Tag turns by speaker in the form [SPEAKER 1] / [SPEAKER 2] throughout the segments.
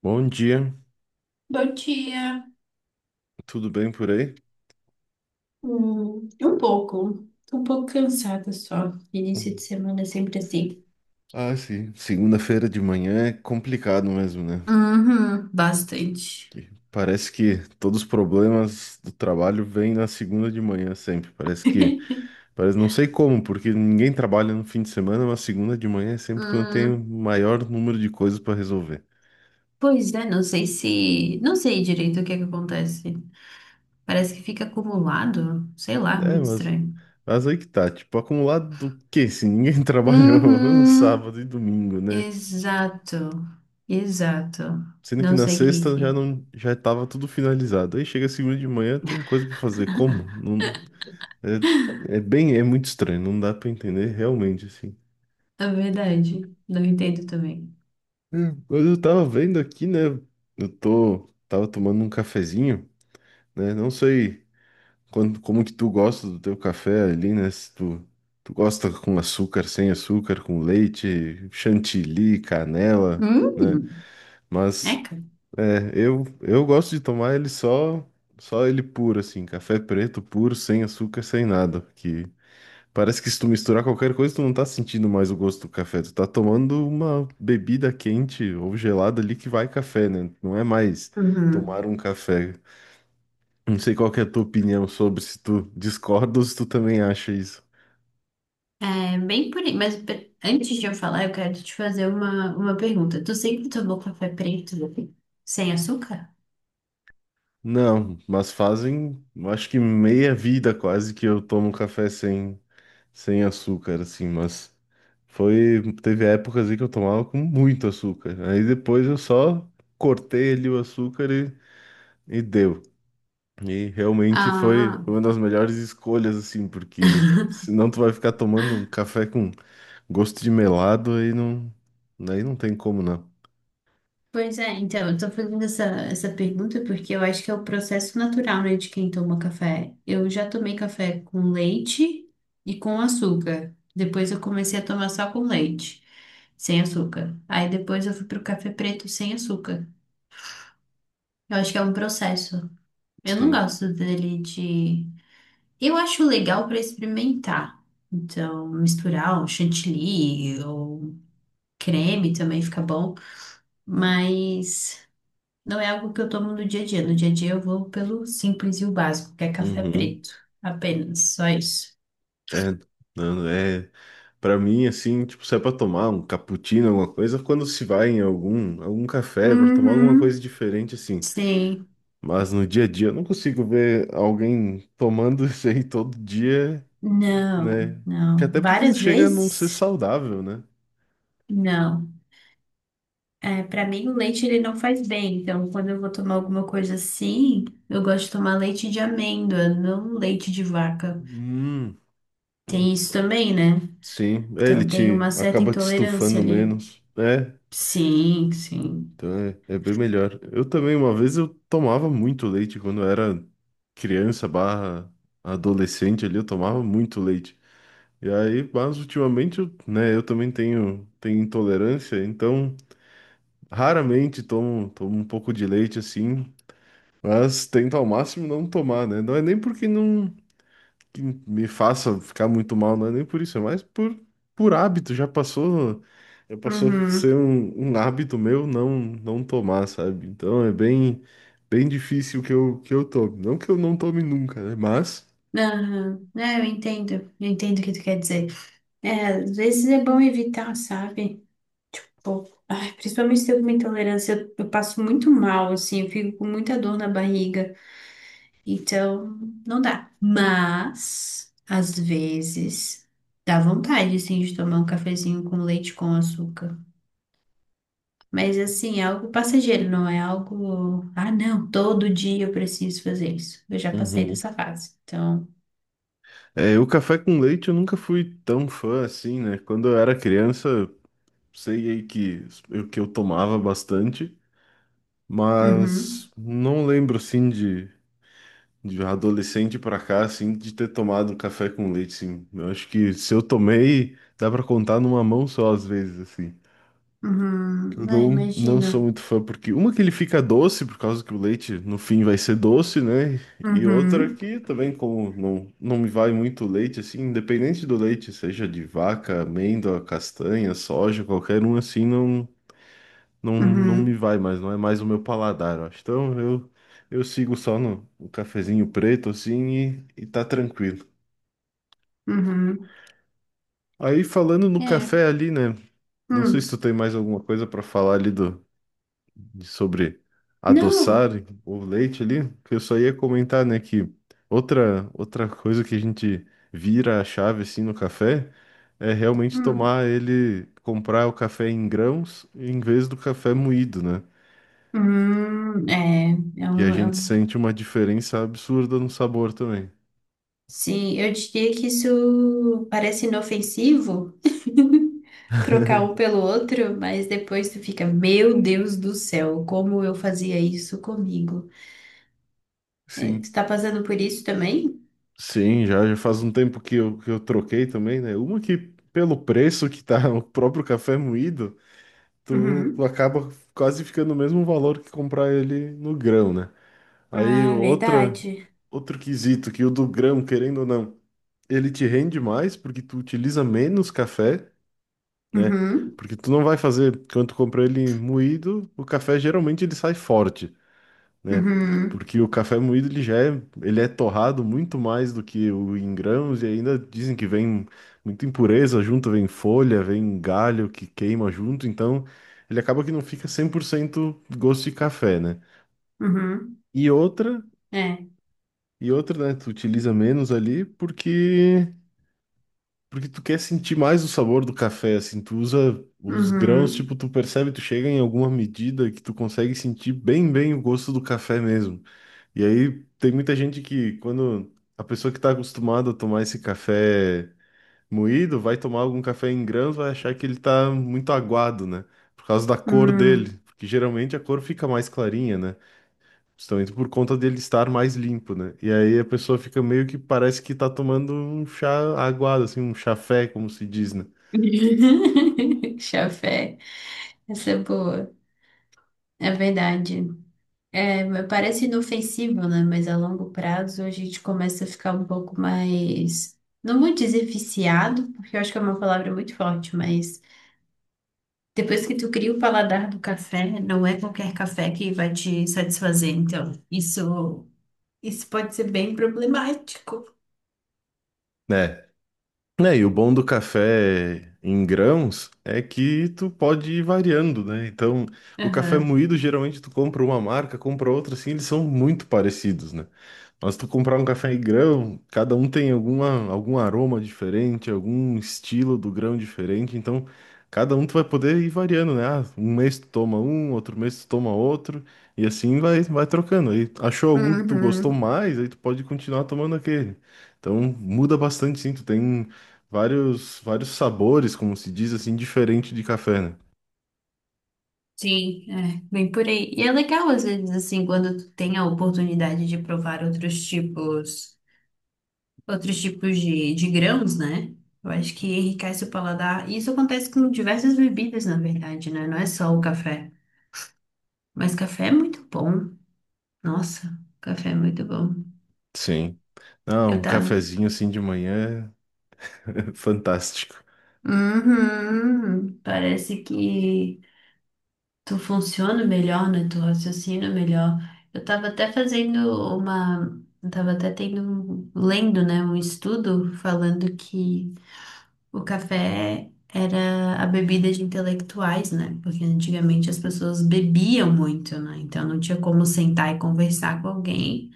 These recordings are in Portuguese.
[SPEAKER 1] Bom dia,
[SPEAKER 2] Bom dia.
[SPEAKER 1] tudo bem por aí?
[SPEAKER 2] Um pouco. Tô um pouco cansada só. Início de
[SPEAKER 1] Uhum.
[SPEAKER 2] semana é sempre assim.
[SPEAKER 1] Ah, sim. Segunda-feira de manhã é complicado mesmo, né?
[SPEAKER 2] Uhum, bastante.
[SPEAKER 1] Que parece que todos os problemas do trabalho vêm na segunda de manhã sempre. Parece, não sei como, porque ninguém trabalha no fim de semana, mas segunda de manhã é sempre quando tem o
[SPEAKER 2] Hum,
[SPEAKER 1] maior número de coisas para resolver.
[SPEAKER 2] Pois é, não sei se. Não sei direito o que é que acontece. Parece que fica acumulado. Sei lá,
[SPEAKER 1] É,
[SPEAKER 2] muito
[SPEAKER 1] mas,
[SPEAKER 2] estranho.
[SPEAKER 1] mas aí que tá, tipo, acumulado do quê? Se ninguém trabalhou no
[SPEAKER 2] Uhum,
[SPEAKER 1] sábado e domingo, né?
[SPEAKER 2] exato. Exato.
[SPEAKER 1] Sendo que
[SPEAKER 2] Não
[SPEAKER 1] na
[SPEAKER 2] sei o que.
[SPEAKER 1] sexta já não já estava tudo finalizado. Aí chega segunda de manhã, tem coisa para fazer. Como? Não, é muito estranho, não dá para entender realmente assim.
[SPEAKER 2] É verdade. Não entendo também.
[SPEAKER 1] Hum. Mas eu tava vendo aqui, né? Eu tô tava tomando um cafezinho, né? Não sei como que tu gosta do teu café ali, né? Se tu gosta com açúcar, sem açúcar, com leite, chantilly, canela,
[SPEAKER 2] Hum,
[SPEAKER 1] né? Mas
[SPEAKER 2] Eca.
[SPEAKER 1] É, eu gosto de tomar ele só, só ele puro, assim, café preto puro, sem açúcar, sem nada, que parece que se tu misturar qualquer coisa, tu não tá sentindo mais o gosto do café, tu tá tomando uma bebida quente ou gelada ali que vai café, né? Não é mais tomar um café. Não sei qual que é a tua opinião sobre se tu discorda ou se tu também acha isso.
[SPEAKER 2] Bem por aí, mas antes de eu falar, eu quero te fazer uma pergunta. Tu sempre tomou café preto sem açúcar?
[SPEAKER 1] Não, mas fazem, eu acho que meia vida quase que eu tomo café sem açúcar, assim, mas teve épocas aí que eu tomava com muito açúcar. Aí depois eu só cortei ali o açúcar e deu. E realmente foi
[SPEAKER 2] Ah,
[SPEAKER 1] foi uma das melhores escolhas, assim, porque senão tu vai ficar tomando um café com gosto de melado, aí não tem como, não.
[SPEAKER 2] pois é, então, eu tô fazendo essa pergunta porque eu acho que é o processo natural, né, de quem toma café. Eu já tomei café com leite e com açúcar. Depois eu comecei a tomar só com leite, sem açúcar. Aí depois eu fui pro café preto sem açúcar. Eu acho que é um processo. Eu não
[SPEAKER 1] Sim.
[SPEAKER 2] gosto dele de. Eu acho legal para experimentar. Então, misturar um chantilly ou creme também fica bom, mas não é algo que eu tomo no dia a dia. No dia a dia eu vou pelo simples e o básico, que é café preto. Apenas, só isso.
[SPEAKER 1] É, não, para mim assim, tipo, se é para tomar um cappuccino, alguma coisa, quando se vai em algum café para tomar alguma coisa
[SPEAKER 2] Uhum,
[SPEAKER 1] diferente assim,
[SPEAKER 2] sim.
[SPEAKER 1] mas no dia a dia eu não consigo ver alguém tomando isso aí todo dia,
[SPEAKER 2] Não,
[SPEAKER 1] né? Porque
[SPEAKER 2] não.
[SPEAKER 1] até porque
[SPEAKER 2] Várias
[SPEAKER 1] chega a não ser
[SPEAKER 2] vezes?
[SPEAKER 1] saudável, né?
[SPEAKER 2] Não. É, para mim o leite ele não faz bem, então quando eu vou tomar alguma coisa assim, eu gosto de tomar leite de amêndoa, não leite de vaca.
[SPEAKER 1] Hum,
[SPEAKER 2] Tem isso também, né?
[SPEAKER 1] sim, é, ele
[SPEAKER 2] Então tem
[SPEAKER 1] te
[SPEAKER 2] uma certa
[SPEAKER 1] acaba te
[SPEAKER 2] intolerância
[SPEAKER 1] estufando
[SPEAKER 2] ali.
[SPEAKER 1] menos. É,
[SPEAKER 2] Sim, sim.
[SPEAKER 1] então é bem melhor. Eu também, uma vez, eu tomava muito leite quando eu era criança barra adolescente ali, eu tomava muito leite. E aí, mas ultimamente, eu, né, eu também tenho intolerância, então raramente tomo um pouco de leite assim, mas tento ao máximo não tomar, né? Não é nem porque não, que me faça ficar muito mal, não é nem por isso, é mais por hábito. Já passou a
[SPEAKER 2] Uhum.
[SPEAKER 1] ser um hábito meu não tomar, sabe? Então é bem bem difícil que eu tome. Não que eu não tome nunca, né?
[SPEAKER 2] Aham. É, eu entendo. Eu entendo o que tu quer dizer. É, às vezes é bom evitar, sabe? Pô, ai, principalmente se eu tenho uma intolerância, eu passo muito mal, assim, eu fico com muita dor na barriga. Então, não dá. Mas, às vezes, dá vontade, assim, de tomar um cafezinho com leite com açúcar. Mas assim, é algo passageiro, não é algo, ah, não, todo dia eu preciso fazer isso. Eu já passei
[SPEAKER 1] Uhum.
[SPEAKER 2] dessa fase. Então,
[SPEAKER 1] É, o café com leite eu nunca fui tão fã assim, né? Quando eu era criança, sei aí que que eu tomava bastante, mas
[SPEAKER 2] uhum,
[SPEAKER 1] não lembro assim De adolescente pra cá, assim, de ter tomado um café com leite, assim. Eu acho que se eu tomei, dá pra contar numa mão só, às vezes, assim. Que Eu
[SPEAKER 2] uhum, ah,
[SPEAKER 1] não
[SPEAKER 2] imagino.
[SPEAKER 1] sou muito fã, porque uma que ele fica doce, por causa que o leite no fim vai ser doce, né? E outra
[SPEAKER 2] Uhum,
[SPEAKER 1] que também, como não me vai muito leite, assim, independente do leite, seja de vaca, amêndoa, castanha, soja, qualquer um, assim, não me
[SPEAKER 2] uhum,
[SPEAKER 1] vai mais, não é mais o meu paladar, eu acho. Então eu sigo só no cafezinho preto, assim, e tá tranquilo.
[SPEAKER 2] uhum.
[SPEAKER 1] Aí falando no
[SPEAKER 2] É.
[SPEAKER 1] café ali, né? Não sei se tu
[SPEAKER 2] Hum.
[SPEAKER 1] tem mais alguma coisa pra falar ali sobre
[SPEAKER 2] Não.
[SPEAKER 1] adoçar o leite ali, que eu só ia comentar, né, que outra coisa que a gente vira a chave, assim, no café é realmente
[SPEAKER 2] Hum.
[SPEAKER 1] tomar ele, comprar o café em grãos em vez do café moído, né?
[SPEAKER 2] Hum. É
[SPEAKER 1] E a
[SPEAKER 2] um, é
[SPEAKER 1] gente
[SPEAKER 2] um-
[SPEAKER 1] sente uma diferença absurda no sabor também.
[SPEAKER 2] Sim, eu diria que isso parece inofensivo. Trocar um pelo outro, mas depois tu fica, meu Deus do céu, como eu fazia isso comigo? É, tu
[SPEAKER 1] Sim.
[SPEAKER 2] tá passando por isso também?
[SPEAKER 1] Sim, já faz um tempo que que eu troquei também, né? Uma que, pelo preço que tá o próprio café moído, tu
[SPEAKER 2] Uhum.
[SPEAKER 1] acaba quase ficando o mesmo valor que comprar ele no grão, né? Aí
[SPEAKER 2] Ah, verdade.
[SPEAKER 1] outro quesito, que o do grão, querendo ou não, ele te rende mais porque tu utiliza menos café, né?
[SPEAKER 2] Uhum.
[SPEAKER 1] Porque tu não vai fazer, quando tu compra ele moído, o café geralmente ele sai forte, né?
[SPEAKER 2] Uhum.
[SPEAKER 1] Porque o café moído ele já é, ele é torrado muito mais do que o em grãos e ainda dizem que vem muita impureza junto, vem folha, vem galho que queima junto, então ele acaba que não fica 100% gosto de café, né?
[SPEAKER 2] Uhum.
[SPEAKER 1] E outra,
[SPEAKER 2] É.
[SPEAKER 1] e outra, né, tu utiliza menos ali porque tu quer sentir mais o sabor do café, assim, tu usa os grãos, tipo,
[SPEAKER 2] Uhum.
[SPEAKER 1] tu percebe, tu chega em alguma medida que tu consegue sentir bem, bem o gosto do café mesmo. E aí tem muita gente que, quando a pessoa que está acostumada a tomar esse café moído, vai tomar algum café em grãos, vai achar que ele tá muito aguado, né? Por causa da cor dele.
[SPEAKER 2] Uhum.
[SPEAKER 1] Porque geralmente a cor fica mais clarinha, né? Justamente por conta dele estar mais limpo, né? E aí a pessoa fica meio que parece que tá tomando um chá aguado, assim, um chafé, como se diz, né?
[SPEAKER 2] Chafé. Essa é boa. É verdade. É, mas parece inofensivo, né? Mas a longo prazo a gente começa a ficar um pouco mais. Não vou dizer viciado, porque eu acho que é uma palavra muito forte, mas depois que tu cria o paladar do café, não é qualquer café que vai te satisfazer. Então, isso. Isso pode ser bem problemático.
[SPEAKER 1] Né? É, e o bom do café em grãos é que tu pode ir variando, né? Então, o café
[SPEAKER 2] Aham.
[SPEAKER 1] moído, geralmente tu compra uma marca, compra outra, assim, eles são muito parecidos, né? Mas tu comprar um café em grão, cada um tem alguma, algum aroma diferente, algum estilo do grão diferente, então cada um tu vai poder ir variando, né? Ah, um mês tu toma um, outro mês tu toma outro, e assim vai, trocando. Aí achou algum que tu gostou
[SPEAKER 2] Uhum.
[SPEAKER 1] mais, aí tu pode continuar tomando aquele. Então muda bastante, sim. Tu tem vários sabores, como se diz assim, diferente de café, né?
[SPEAKER 2] Sim, é, bem por aí. E é legal, às vezes, assim, quando tu tem a oportunidade de provar outros tipos de grãos, né? Eu acho que enriquece o paladar. E isso acontece com diversas bebidas, na verdade, né? Não é só o café. Mas café é muito bom. Nossa, café é muito bom.
[SPEAKER 1] Sim. Não,
[SPEAKER 2] Eu
[SPEAKER 1] um
[SPEAKER 2] tava.
[SPEAKER 1] cafezinho assim de manhã, é fantástico.
[SPEAKER 2] Uhum. Parece que tu funciona melhor, né? Tu raciocina melhor. Eu tava até fazendo uma. Eu tava até tendo. Lendo, né? Um estudo falando que o café era a bebida de intelectuais, né? Porque antigamente as pessoas bebiam muito, né? Então não tinha como sentar e conversar com alguém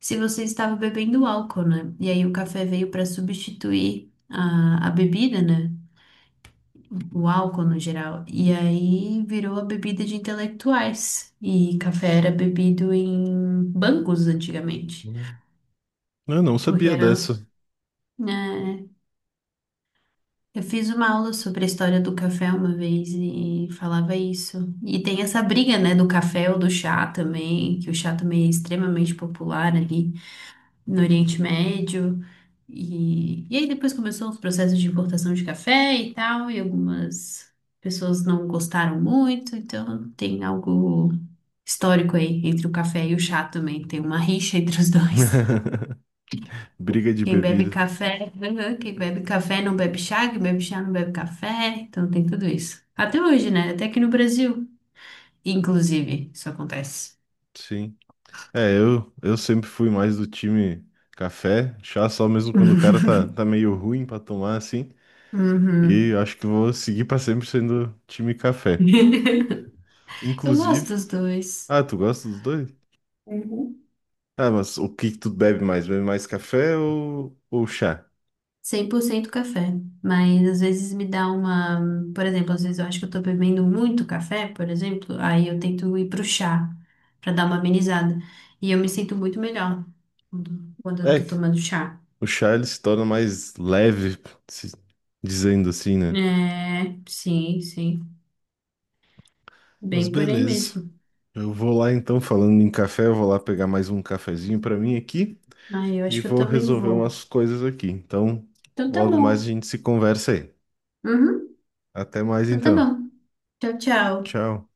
[SPEAKER 2] se você estava bebendo álcool, né? E aí o café veio para substituir a bebida, né? O álcool no geral. E aí virou a bebida de intelectuais. E café era bebido em bancos antigamente.
[SPEAKER 1] Hum. Eu não
[SPEAKER 2] Porque
[SPEAKER 1] sabia dessa.
[SPEAKER 2] era, né. Eu fiz uma aula sobre a história do café uma vez e falava isso. E tem essa briga, né, do café ou do chá também, que o chá também é extremamente popular ali no Oriente Médio. E aí depois começou os processos de importação de café e tal, e algumas pessoas não gostaram muito, então tem algo histórico aí entre o café e o chá também, tem uma rixa entre os dois.
[SPEAKER 1] Briga de
[SPEAKER 2] Quem bebe
[SPEAKER 1] bebida.
[SPEAKER 2] café, quem bebe café não bebe chá, quem bebe chá não bebe café, então tem tudo isso. Até hoje, né? Até aqui no Brasil, inclusive, isso acontece.
[SPEAKER 1] Sim. É, eu sempre fui mais do time café, chá só mesmo quando o cara tá, meio ruim pra tomar assim. E
[SPEAKER 2] Uhum.
[SPEAKER 1] acho que vou seguir pra sempre sendo time café.
[SPEAKER 2] Eu gosto
[SPEAKER 1] Inclusive,
[SPEAKER 2] dos dois.
[SPEAKER 1] ah, tu gosta dos dois?
[SPEAKER 2] Uhum.
[SPEAKER 1] Ah, mas o que que tu bebe mais? Bebe mais café ou, chá?
[SPEAKER 2] 100% café, mas às vezes me dá uma, por exemplo, às vezes eu acho que eu tô bebendo muito café, por exemplo, aí eu tento ir pro chá pra dar uma amenizada e eu me sinto muito melhor quando eu
[SPEAKER 1] É,
[SPEAKER 2] tô tomando chá.
[SPEAKER 1] o Charles se torna mais leve, se- dizendo assim, né?
[SPEAKER 2] É, sim, sim,
[SPEAKER 1] Mas
[SPEAKER 2] bem por aí
[SPEAKER 1] beleza.
[SPEAKER 2] mesmo.
[SPEAKER 1] Eu vou lá então, falando em café, eu vou lá pegar mais um cafezinho pra mim aqui
[SPEAKER 2] Aí eu acho
[SPEAKER 1] e
[SPEAKER 2] que eu
[SPEAKER 1] vou
[SPEAKER 2] também
[SPEAKER 1] resolver
[SPEAKER 2] vou.
[SPEAKER 1] umas coisas aqui. Então,
[SPEAKER 2] Então tá
[SPEAKER 1] logo mais
[SPEAKER 2] bom.
[SPEAKER 1] a gente se conversa aí.
[SPEAKER 2] Uhum,
[SPEAKER 1] Até mais
[SPEAKER 2] então tá
[SPEAKER 1] então.
[SPEAKER 2] bom. Tchau, tchau.
[SPEAKER 1] Tchau.